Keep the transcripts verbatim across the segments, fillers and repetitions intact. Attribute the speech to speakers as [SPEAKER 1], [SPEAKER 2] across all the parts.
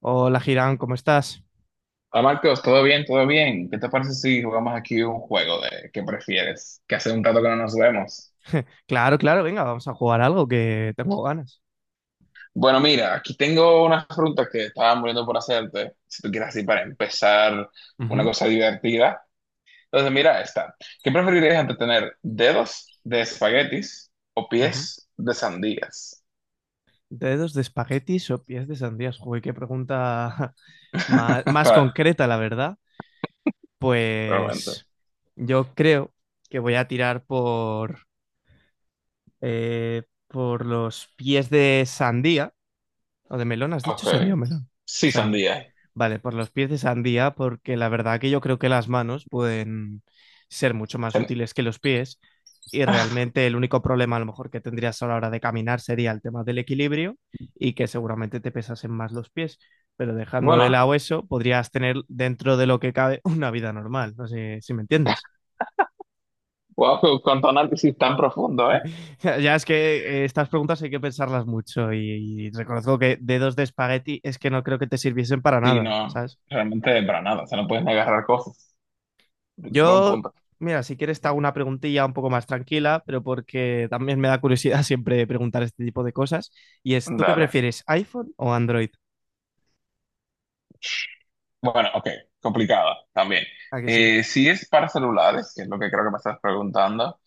[SPEAKER 1] Hola, Girán, ¿cómo estás?
[SPEAKER 2] Hola Marcos, ¿todo bien? ¿Todo bien? ¿Qué te parece si jugamos aquí un juego de qué prefieres? Que hace un rato que no nos vemos.
[SPEAKER 1] Claro, claro, venga, vamos a jugar algo que tengo ganas.
[SPEAKER 2] Bueno, mira, aquí tengo unas preguntas que estaba muriendo por hacerte, si tú quieres, así para empezar una
[SPEAKER 1] Ujú,
[SPEAKER 2] cosa divertida. Entonces, mira esta. ¿Qué preferirías entre tener dedos de espaguetis o
[SPEAKER 1] ujú.
[SPEAKER 2] pies de sandías?
[SPEAKER 1] ¿Dedos de espaguetis o pies de sandías? Joder, qué pregunta más, más
[SPEAKER 2] Para,
[SPEAKER 1] concreta, la verdad.
[SPEAKER 2] realmente.
[SPEAKER 1] Pues yo creo que voy a tirar por, eh, por los pies de sandía. ¿O de melón has dicho?
[SPEAKER 2] Ok.
[SPEAKER 1] ¿Sandía o melón?
[SPEAKER 2] Sí,
[SPEAKER 1] Sandy.
[SPEAKER 2] sandía.
[SPEAKER 1] Vale, por los pies de sandía, porque la verdad que yo creo que las manos pueden ser mucho más
[SPEAKER 2] Sen-
[SPEAKER 1] útiles que los pies. Y realmente el único problema a lo mejor que tendrías a la hora de caminar sería el tema del equilibrio y que seguramente te pesasen más los pies. Pero dejando de
[SPEAKER 2] Bueno,
[SPEAKER 1] lado eso, podrías tener dentro de lo que cabe una vida normal. No sé si me entiendes.
[SPEAKER 2] wow, cuánto análisis tan profundo, ¿eh?
[SPEAKER 1] Ya es que eh, estas preguntas hay que pensarlas mucho y, y reconozco que dedos de espagueti es que no creo que te sirviesen para
[SPEAKER 2] Sí,
[SPEAKER 1] nada,
[SPEAKER 2] no,
[SPEAKER 1] ¿sabes?
[SPEAKER 2] realmente para nada, o sea, no puedes ni agarrar cosas. Buen
[SPEAKER 1] Yo,
[SPEAKER 2] punto.
[SPEAKER 1] mira, si quieres te hago una preguntilla un poco más tranquila, pero porque también me da curiosidad siempre preguntar este tipo de cosas. Y es, ¿tú qué
[SPEAKER 2] Dale.
[SPEAKER 1] prefieres, iPhone o Android?
[SPEAKER 2] Bueno, ok, complicada también.
[SPEAKER 1] ¿A que sí?
[SPEAKER 2] Eh, si es para celulares, que es lo que creo que me estás preguntando,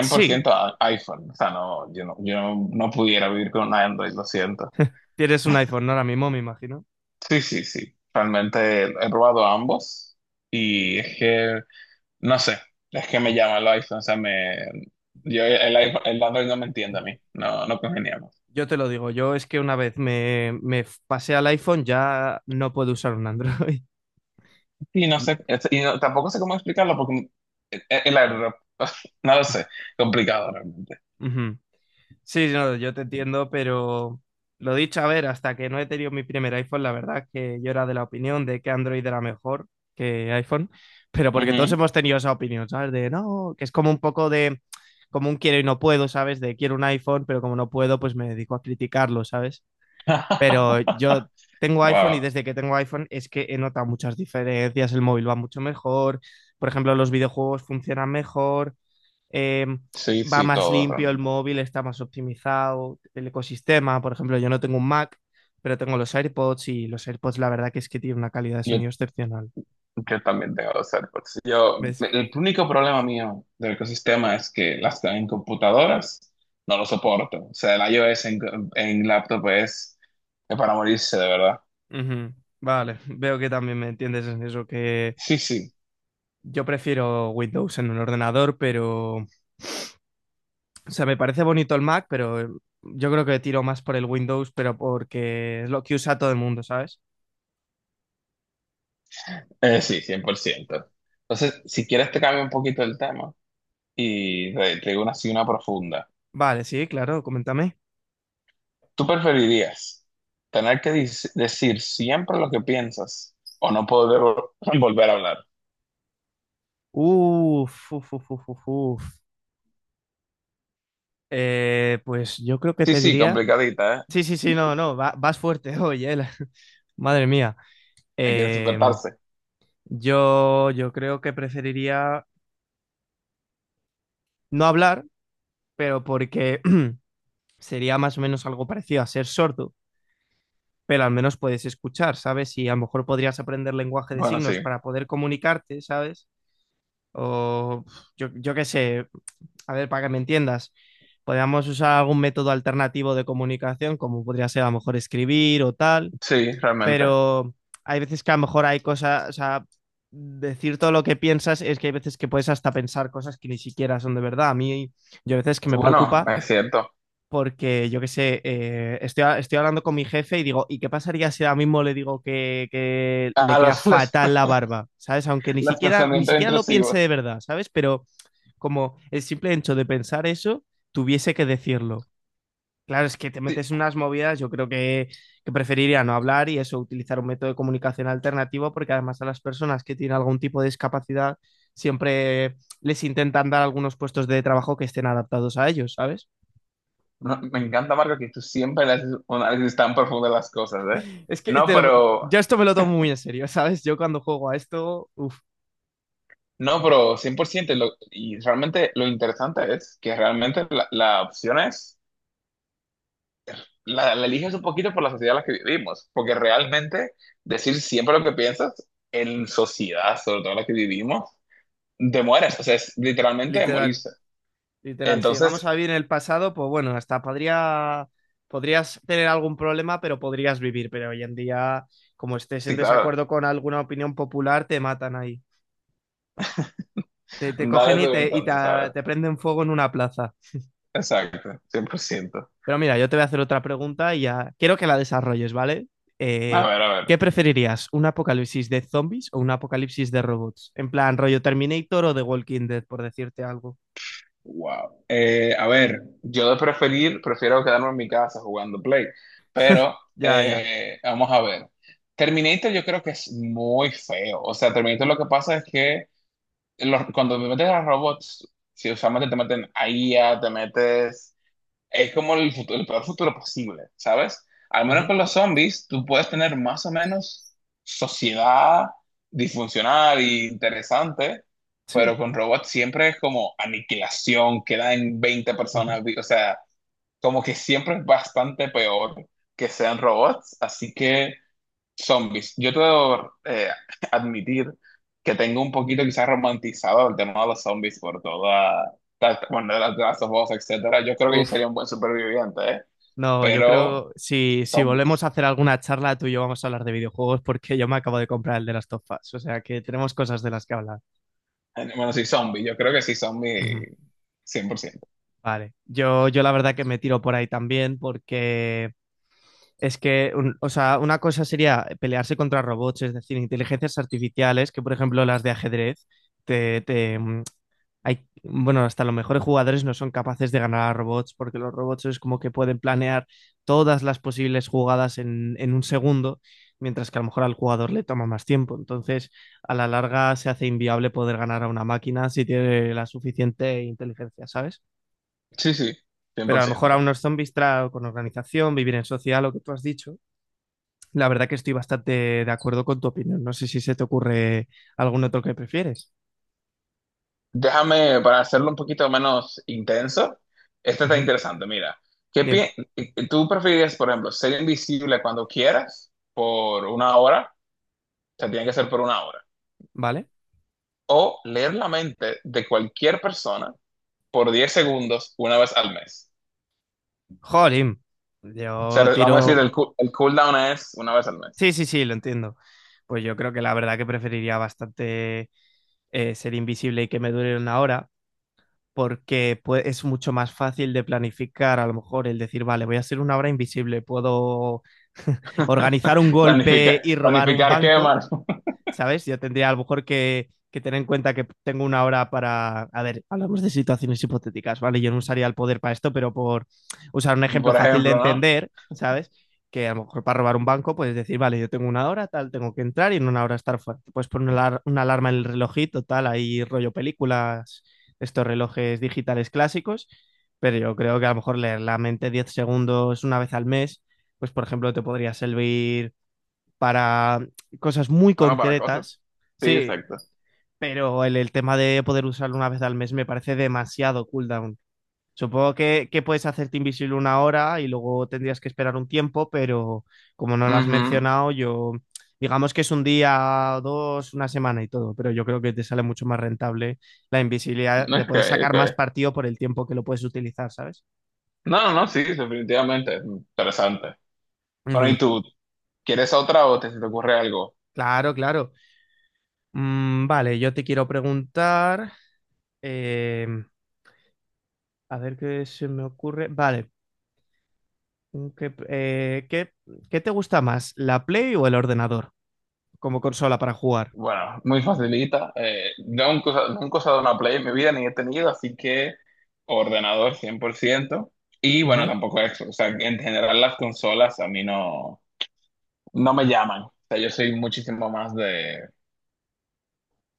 [SPEAKER 1] Sí,
[SPEAKER 2] a- iPhone. O sea, no, yo no, yo no, no pudiera vivir con un Android, lo siento.
[SPEAKER 1] tienes un iPhone, ¿no? Ahora mismo, me imagino.
[SPEAKER 2] Sí, sí, sí. Realmente he probado ambos y es que, no sé, es que me llama el iPhone, o sea, me, yo, el, iPhone- el Android no me entiende a mí, no, no congeniamos.
[SPEAKER 1] Yo te lo digo, yo es que una vez me, me pasé al iPhone ya no puedo usar un Android.
[SPEAKER 2] Y no sé, es- y no- tampoco sé cómo explicarlo porque eh, eh, la verdad, no lo sé, complicado realmente.
[SPEAKER 1] Ujú. Sí, no, yo te entiendo, pero lo dicho, a ver, hasta que no he tenido mi primer iPhone, la verdad es que yo era de la opinión de que Android era mejor que iPhone, pero porque todos
[SPEAKER 2] Ujú.
[SPEAKER 1] hemos tenido esa opinión, ¿sabes? De no, que es como un poco de, como un quiero y no puedo, ¿sabes? De quiero un iPhone, pero como no puedo, pues me dedico a criticarlo, ¿sabes? Pero yo tengo iPhone y
[SPEAKER 2] Wow.
[SPEAKER 1] desde que tengo iPhone es que he notado muchas diferencias, el móvil va mucho mejor, por ejemplo, los videojuegos funcionan mejor eh,
[SPEAKER 2] Sí,
[SPEAKER 1] va
[SPEAKER 2] sí,
[SPEAKER 1] más
[SPEAKER 2] todo
[SPEAKER 1] limpio el
[SPEAKER 2] realmente.
[SPEAKER 1] móvil, está más optimizado el ecosistema. Por ejemplo, yo no tengo un Mac, pero tengo los AirPods y los AirPods la verdad que es que tienen una calidad de
[SPEAKER 2] Yo,
[SPEAKER 1] sonido excepcional.
[SPEAKER 2] yo también tengo los AirPods. Yo,
[SPEAKER 1] ¿Ves?
[SPEAKER 2] el único problema mío del ecosistema es que las que hay en computadoras no lo soporto. O sea, el iOS en, en laptop es, es para morirse, de verdad.
[SPEAKER 1] Ujú. Vale, veo que también me entiendes en eso, que
[SPEAKER 2] Sí, sí,
[SPEAKER 1] yo prefiero Windows en un ordenador, pero, o sea, me parece bonito el Mac, pero eh, yo creo que tiro más por el Windows, pero porque es lo que usa todo el mundo, ¿sabes?
[SPEAKER 2] eh, sí, cien por ciento. Entonces, si quieres te cambio un poquito el tema y te, te digo una, así una profunda.
[SPEAKER 1] Vale, sí, claro, coméntame.
[SPEAKER 2] ¿Tú preferirías tener que dis- decir siempre lo que piensas o no poder vol- volver a hablar?
[SPEAKER 1] Uf, uf, uf, uf, uf, uf. Eh, pues yo creo que
[SPEAKER 2] Sí,
[SPEAKER 1] te
[SPEAKER 2] sí,
[SPEAKER 1] diría.
[SPEAKER 2] complicadita, ¿eh?
[SPEAKER 1] Sí, sí, sí, no, no, va- vas fuerte hoy, eh. la- Madre mía.
[SPEAKER 2] Hay que
[SPEAKER 1] Eh,
[SPEAKER 2] despertarse.
[SPEAKER 1] yo, yo creo que preferiría no hablar, pero porque sería más o menos algo parecido a ser sordo, pero al menos puedes escuchar, ¿sabes? Y a lo mejor podrías aprender lenguaje de
[SPEAKER 2] Bueno, sí,
[SPEAKER 1] signos para poder comunicarte, ¿sabes? O yo, yo qué sé, a ver, para que me entiendas, podríamos usar algún método alternativo de comunicación, como podría ser a lo mejor escribir o tal,
[SPEAKER 2] sí, realmente.
[SPEAKER 1] pero hay veces que a lo mejor hay cosas, o sea, decir todo lo que piensas es que hay veces que puedes hasta pensar cosas que ni siquiera son de verdad. A mí, yo a veces que me
[SPEAKER 2] Bueno,
[SPEAKER 1] preocupa
[SPEAKER 2] es cierto.
[SPEAKER 1] porque yo qué sé, eh, estoy, estoy hablando con mi jefe y digo, ¿y qué pasaría si ahora mismo le digo que, que le
[SPEAKER 2] A
[SPEAKER 1] queda
[SPEAKER 2] los, los,
[SPEAKER 1] fatal la barba? ¿Sabes? Aunque ni
[SPEAKER 2] los
[SPEAKER 1] siquiera, ni
[SPEAKER 2] pensamientos
[SPEAKER 1] siquiera lo piense
[SPEAKER 2] intrusivos.
[SPEAKER 1] de verdad, ¿sabes? Pero como el simple hecho de pensar eso, tuviese que decirlo. Claro, es que te
[SPEAKER 2] Sí,
[SPEAKER 1] metes en unas movidas, yo creo que, que preferiría no hablar y eso, utilizar un método de comunicación alternativo, porque además a las personas que tienen algún tipo de discapacidad siempre les intentan dar algunos puestos de trabajo que estén adaptados a ellos, ¿sabes?
[SPEAKER 2] no, me encanta, Marco, que tú siempre le haces un análisis tan profundo de las cosas, ¿eh?
[SPEAKER 1] Es que
[SPEAKER 2] No,
[SPEAKER 1] te lo-
[SPEAKER 2] pero,
[SPEAKER 1] yo esto me lo tomo muy en serio, ¿sabes? Yo cuando juego a esto, uff,
[SPEAKER 2] no, pero cien por ciento. Y, lo- y realmente lo interesante es que realmente la la opción es... la, la eliges un poquito por la sociedad en la que vivimos, porque realmente decir siempre lo que piensas en sociedad, sobre todo en la que vivimos, te mueres, o sea, es literalmente de
[SPEAKER 1] literal,
[SPEAKER 2] morirse.
[SPEAKER 1] literal. Si llegamos
[SPEAKER 2] Entonces,
[SPEAKER 1] a vivir en el pasado, pues bueno, hasta podría, podrías tener algún problema, pero podrías vivir, pero hoy en día, como estés en
[SPEAKER 2] sí, claro,
[SPEAKER 1] desacuerdo con alguna opinión popular, te matan ahí. Te, te cogen
[SPEAKER 2] dale tú
[SPEAKER 1] y, te, y te,
[SPEAKER 2] entonces, a ver.
[SPEAKER 1] te prenden fuego en una plaza.
[SPEAKER 2] Exacto, cien por ciento.
[SPEAKER 1] Pero mira, yo te voy a hacer otra pregunta y ya quiero que la desarrolles, ¿vale?
[SPEAKER 2] A
[SPEAKER 1] Eh,
[SPEAKER 2] ver, a
[SPEAKER 1] ¿Qué
[SPEAKER 2] ver.
[SPEAKER 1] preferirías? ¿Un apocalipsis de zombies o un apocalipsis de robots? En plan, rollo Terminator o The Walking Dead, por decirte algo.
[SPEAKER 2] Wow. Eh, a ver, yo de preferir, prefiero quedarme en mi casa jugando Play, pero
[SPEAKER 1] Ya, ya.
[SPEAKER 2] eh, vamos a ver. Terminator yo creo que es muy feo. O sea, Terminator lo que pasa es que los- cuando te metes a robots, si usualmente te meten a I A, te metes... Es como el, futu- el peor futuro posible, ¿sabes? Al menos
[SPEAKER 1] Ujú.
[SPEAKER 2] con los zombies, tú puedes tener más o menos sociedad disfuncional e interesante,
[SPEAKER 1] Sí.
[SPEAKER 2] pero con robots siempre es como aniquilación, quedan veinte
[SPEAKER 1] Ujú.
[SPEAKER 2] personas, vi- o sea, como que siempre es bastante peor que sean robots, así que... Zombies. Yo te debo eh, admitir que tengo un poquito quizás romantizado el tema de los zombies por toda, ta- ta- bueno, de las de las voz, etcétera. Yo creo que yo
[SPEAKER 1] Uf.
[SPEAKER 2] sería un buen superviviente, ¿eh?
[SPEAKER 1] No, yo
[SPEAKER 2] Pero
[SPEAKER 1] creo, si, si volvemos a
[SPEAKER 2] zombies.
[SPEAKER 1] hacer alguna charla, tú y yo vamos a hablar de videojuegos porque yo me acabo de comprar el de las Last of Us. O sea que tenemos cosas de las que hablar.
[SPEAKER 2] Eh, Bueno, sí, zombies. Yo creo que sí,
[SPEAKER 1] Ujú.
[SPEAKER 2] zombie cien por ciento.
[SPEAKER 1] Vale. Yo, yo la verdad que me tiro por ahí también, porque es que, un- o sea, una cosa sería pelearse contra robots, es decir, inteligencias artificiales, que por ejemplo las de ajedrez, te, te, mm, hay, bueno, hasta los mejores jugadores no son capaces de ganar a robots, porque los robots es como que pueden planear todas las posibles jugadas en, en un segundo, mientras que a lo mejor al jugador le toma más tiempo. Entonces, a la larga se hace inviable poder ganar a una máquina si tiene la suficiente inteligencia, ¿sabes?
[SPEAKER 2] Sí, sí, cien
[SPEAKER 1] Pero a
[SPEAKER 2] por
[SPEAKER 1] lo mejor a
[SPEAKER 2] ciento.
[SPEAKER 1] unos zombies tra- con organización, vivir en social, lo que tú has dicho, la verdad que estoy bastante de acuerdo con tu opinión. No sé si se te ocurre algún otro que prefieres.
[SPEAKER 2] Déjame, para hacerlo un poquito menos intenso, esto está
[SPEAKER 1] Ujú.
[SPEAKER 2] interesante. Mira, ¿qué
[SPEAKER 1] Dime,
[SPEAKER 2] pi- ¿tú preferirías, por ejemplo, ser invisible cuando quieras por una hora? O sea, tiene que ser por una hora.
[SPEAKER 1] ¿vale?
[SPEAKER 2] O leer la mente de cualquier persona por diez segundos una vez al mes.
[SPEAKER 1] Jolín,
[SPEAKER 2] O sea,
[SPEAKER 1] yo
[SPEAKER 2] vamos a
[SPEAKER 1] tiro...
[SPEAKER 2] decir, el, coo- el cooldown es una vez al mes.
[SPEAKER 1] Sí, sí, sí, lo entiendo. Pues yo creo que la verdad que preferiría bastante eh, ser invisible y que me dure una hora, porque pue- es mucho más fácil de planificar, a lo mejor, el decir, vale, voy a ser una hora invisible, puedo organizar un
[SPEAKER 2] Planificar,
[SPEAKER 1] golpe y robar un
[SPEAKER 2] planificar qué
[SPEAKER 1] banco,
[SPEAKER 2] quemas,
[SPEAKER 1] ¿sabes? Yo tendría a lo mejor que, que tener en cuenta que tengo una hora para... A ver, hablamos de situaciones hipotéticas, ¿vale? Yo no usaría el poder para esto, pero por usar un ejemplo
[SPEAKER 2] por
[SPEAKER 1] fácil de
[SPEAKER 2] ejemplo, ¿no?
[SPEAKER 1] entender, ¿sabes? Que a lo mejor para robar un banco puedes decir, vale, yo tengo una hora, tal, tengo que entrar y en una hora estar fuera. Te puedes poner una, alar- una alarma en el relojito, tal, ahí rollo películas, estos relojes digitales clásicos, pero yo creo que a lo mejor leer la mente diez segundos una vez al mes, pues por ejemplo te podría servir para cosas muy
[SPEAKER 2] Bueno, para cosas.
[SPEAKER 1] concretas.
[SPEAKER 2] Sí,
[SPEAKER 1] Sí,
[SPEAKER 2] exacto.
[SPEAKER 1] pero el, el tema de poder usarlo una vez al mes me parece demasiado cooldown. Supongo que, que puedes hacerte invisible una hora y luego tendrías que esperar un tiempo, pero como no lo has
[SPEAKER 2] Ujú.
[SPEAKER 1] mencionado, yo digamos que es un día, dos, una semana y todo, pero yo creo que te sale mucho más rentable la invisibilidad, le
[SPEAKER 2] Ok,
[SPEAKER 1] puedes sacar
[SPEAKER 2] ok.
[SPEAKER 1] más partido por el tiempo que lo puedes utilizar, ¿sabes?
[SPEAKER 2] No, no, no, sí, definitivamente. Interesante. Bueno, ¿y
[SPEAKER 1] Ujú.
[SPEAKER 2] tú? ¿Quieres otra o te, se te ocurre algo?
[SPEAKER 1] Claro, claro. Mm, vale, yo te quiero preguntar, eh, a ver qué se me ocurre. Vale. mm, ¿Qué, eh, qué- qué te gusta más, la Play o el ordenador como consola para jugar?
[SPEAKER 2] Bueno, muy facilita. Eh, yo nunca, he usa- nunca he usado una Play en mi vida, ni he tenido, así que ordenador cien por ciento. Y bueno,
[SPEAKER 1] Ujú.
[SPEAKER 2] tampoco eso. O sea, en general las consolas a mí no, no me llaman. O sea, yo soy muchísimo más de,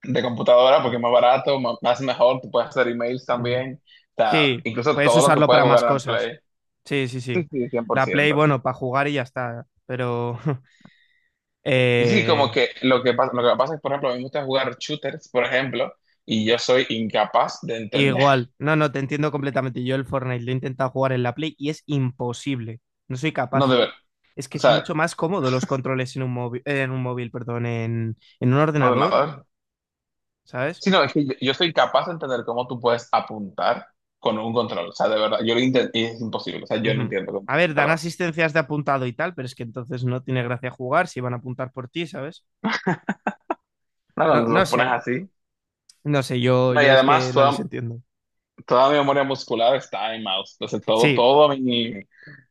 [SPEAKER 2] de computadora porque es más barato, ma- más mejor, tú puedes hacer emails
[SPEAKER 1] Ujú.
[SPEAKER 2] también. O sea,
[SPEAKER 1] Sí,
[SPEAKER 2] incluso
[SPEAKER 1] puedes
[SPEAKER 2] todo lo que
[SPEAKER 1] usarlo
[SPEAKER 2] puedes
[SPEAKER 1] para más
[SPEAKER 2] jugar en
[SPEAKER 1] cosas.
[SPEAKER 2] Play.
[SPEAKER 1] Sí, sí, sí.
[SPEAKER 2] Sí, sí, cien por
[SPEAKER 1] La Play,
[SPEAKER 2] ciento.
[SPEAKER 1] bueno, para jugar y ya está. Pero
[SPEAKER 2] Y sí, como
[SPEAKER 1] eh,
[SPEAKER 2] que lo que pasa, lo que me pasa es, por ejemplo, a mí me gusta jugar shooters, por ejemplo, y yo
[SPEAKER 1] eh,
[SPEAKER 2] soy incapaz de entender.
[SPEAKER 1] igual, no, no, te entiendo completamente. Yo el Fortnite lo he intentado jugar en la Play y es imposible. No soy
[SPEAKER 2] No,
[SPEAKER 1] capaz.
[SPEAKER 2] de ver.
[SPEAKER 1] Es que
[SPEAKER 2] O
[SPEAKER 1] es
[SPEAKER 2] sea,
[SPEAKER 1] mucho más cómodo los controles en un móvil, en un móvil, perdón, en, en un ordenador,
[SPEAKER 2] ordenador.
[SPEAKER 1] ¿sabes?
[SPEAKER 2] Sí, no, es que yo, yo soy capaz de entender cómo tú puedes apuntar con un control. O sea, de verdad, yo lo intento y es imposible. O sea, yo no
[SPEAKER 1] Ujú.
[SPEAKER 2] entiendo
[SPEAKER 1] A
[SPEAKER 2] cómo
[SPEAKER 1] ver,
[SPEAKER 2] tú
[SPEAKER 1] dan
[SPEAKER 2] lo haces.
[SPEAKER 1] asistencias de apuntado y tal, pero es que entonces no tiene gracia jugar si van a apuntar por ti, ¿sabes?
[SPEAKER 2] No,
[SPEAKER 1] No,
[SPEAKER 2] cuando
[SPEAKER 1] no
[SPEAKER 2] lo
[SPEAKER 1] sé,
[SPEAKER 2] pones así.
[SPEAKER 1] no sé, yo,
[SPEAKER 2] No, y
[SPEAKER 1] yo es
[SPEAKER 2] además
[SPEAKER 1] que no les
[SPEAKER 2] toda,
[SPEAKER 1] entiendo.
[SPEAKER 2] toda mi memoria muscular está en mouse. Entonces todo,
[SPEAKER 1] Sí,
[SPEAKER 2] todo mi...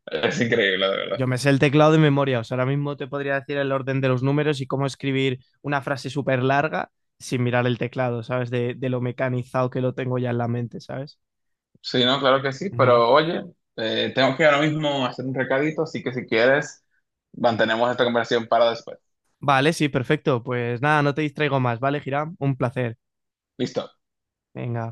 [SPEAKER 2] Es increíble, de verdad.
[SPEAKER 1] yo me sé el teclado de memoria, o sea, ahora mismo te podría decir el orden de los números y cómo escribir una frase súper larga sin mirar el teclado, ¿sabes? De, de lo mecanizado que lo tengo ya en la mente, ¿sabes?
[SPEAKER 2] Sí, no, claro que sí.
[SPEAKER 1] Ujú.
[SPEAKER 2] Pero oye, eh, tengo que ahora mismo hacer un recadito, así que si quieres, mantenemos esta conversación para después.
[SPEAKER 1] Vale, sí, perfecto. Pues nada, no te distraigo más, ¿vale, Hiram? Un placer.
[SPEAKER 2] Listo.
[SPEAKER 1] Venga.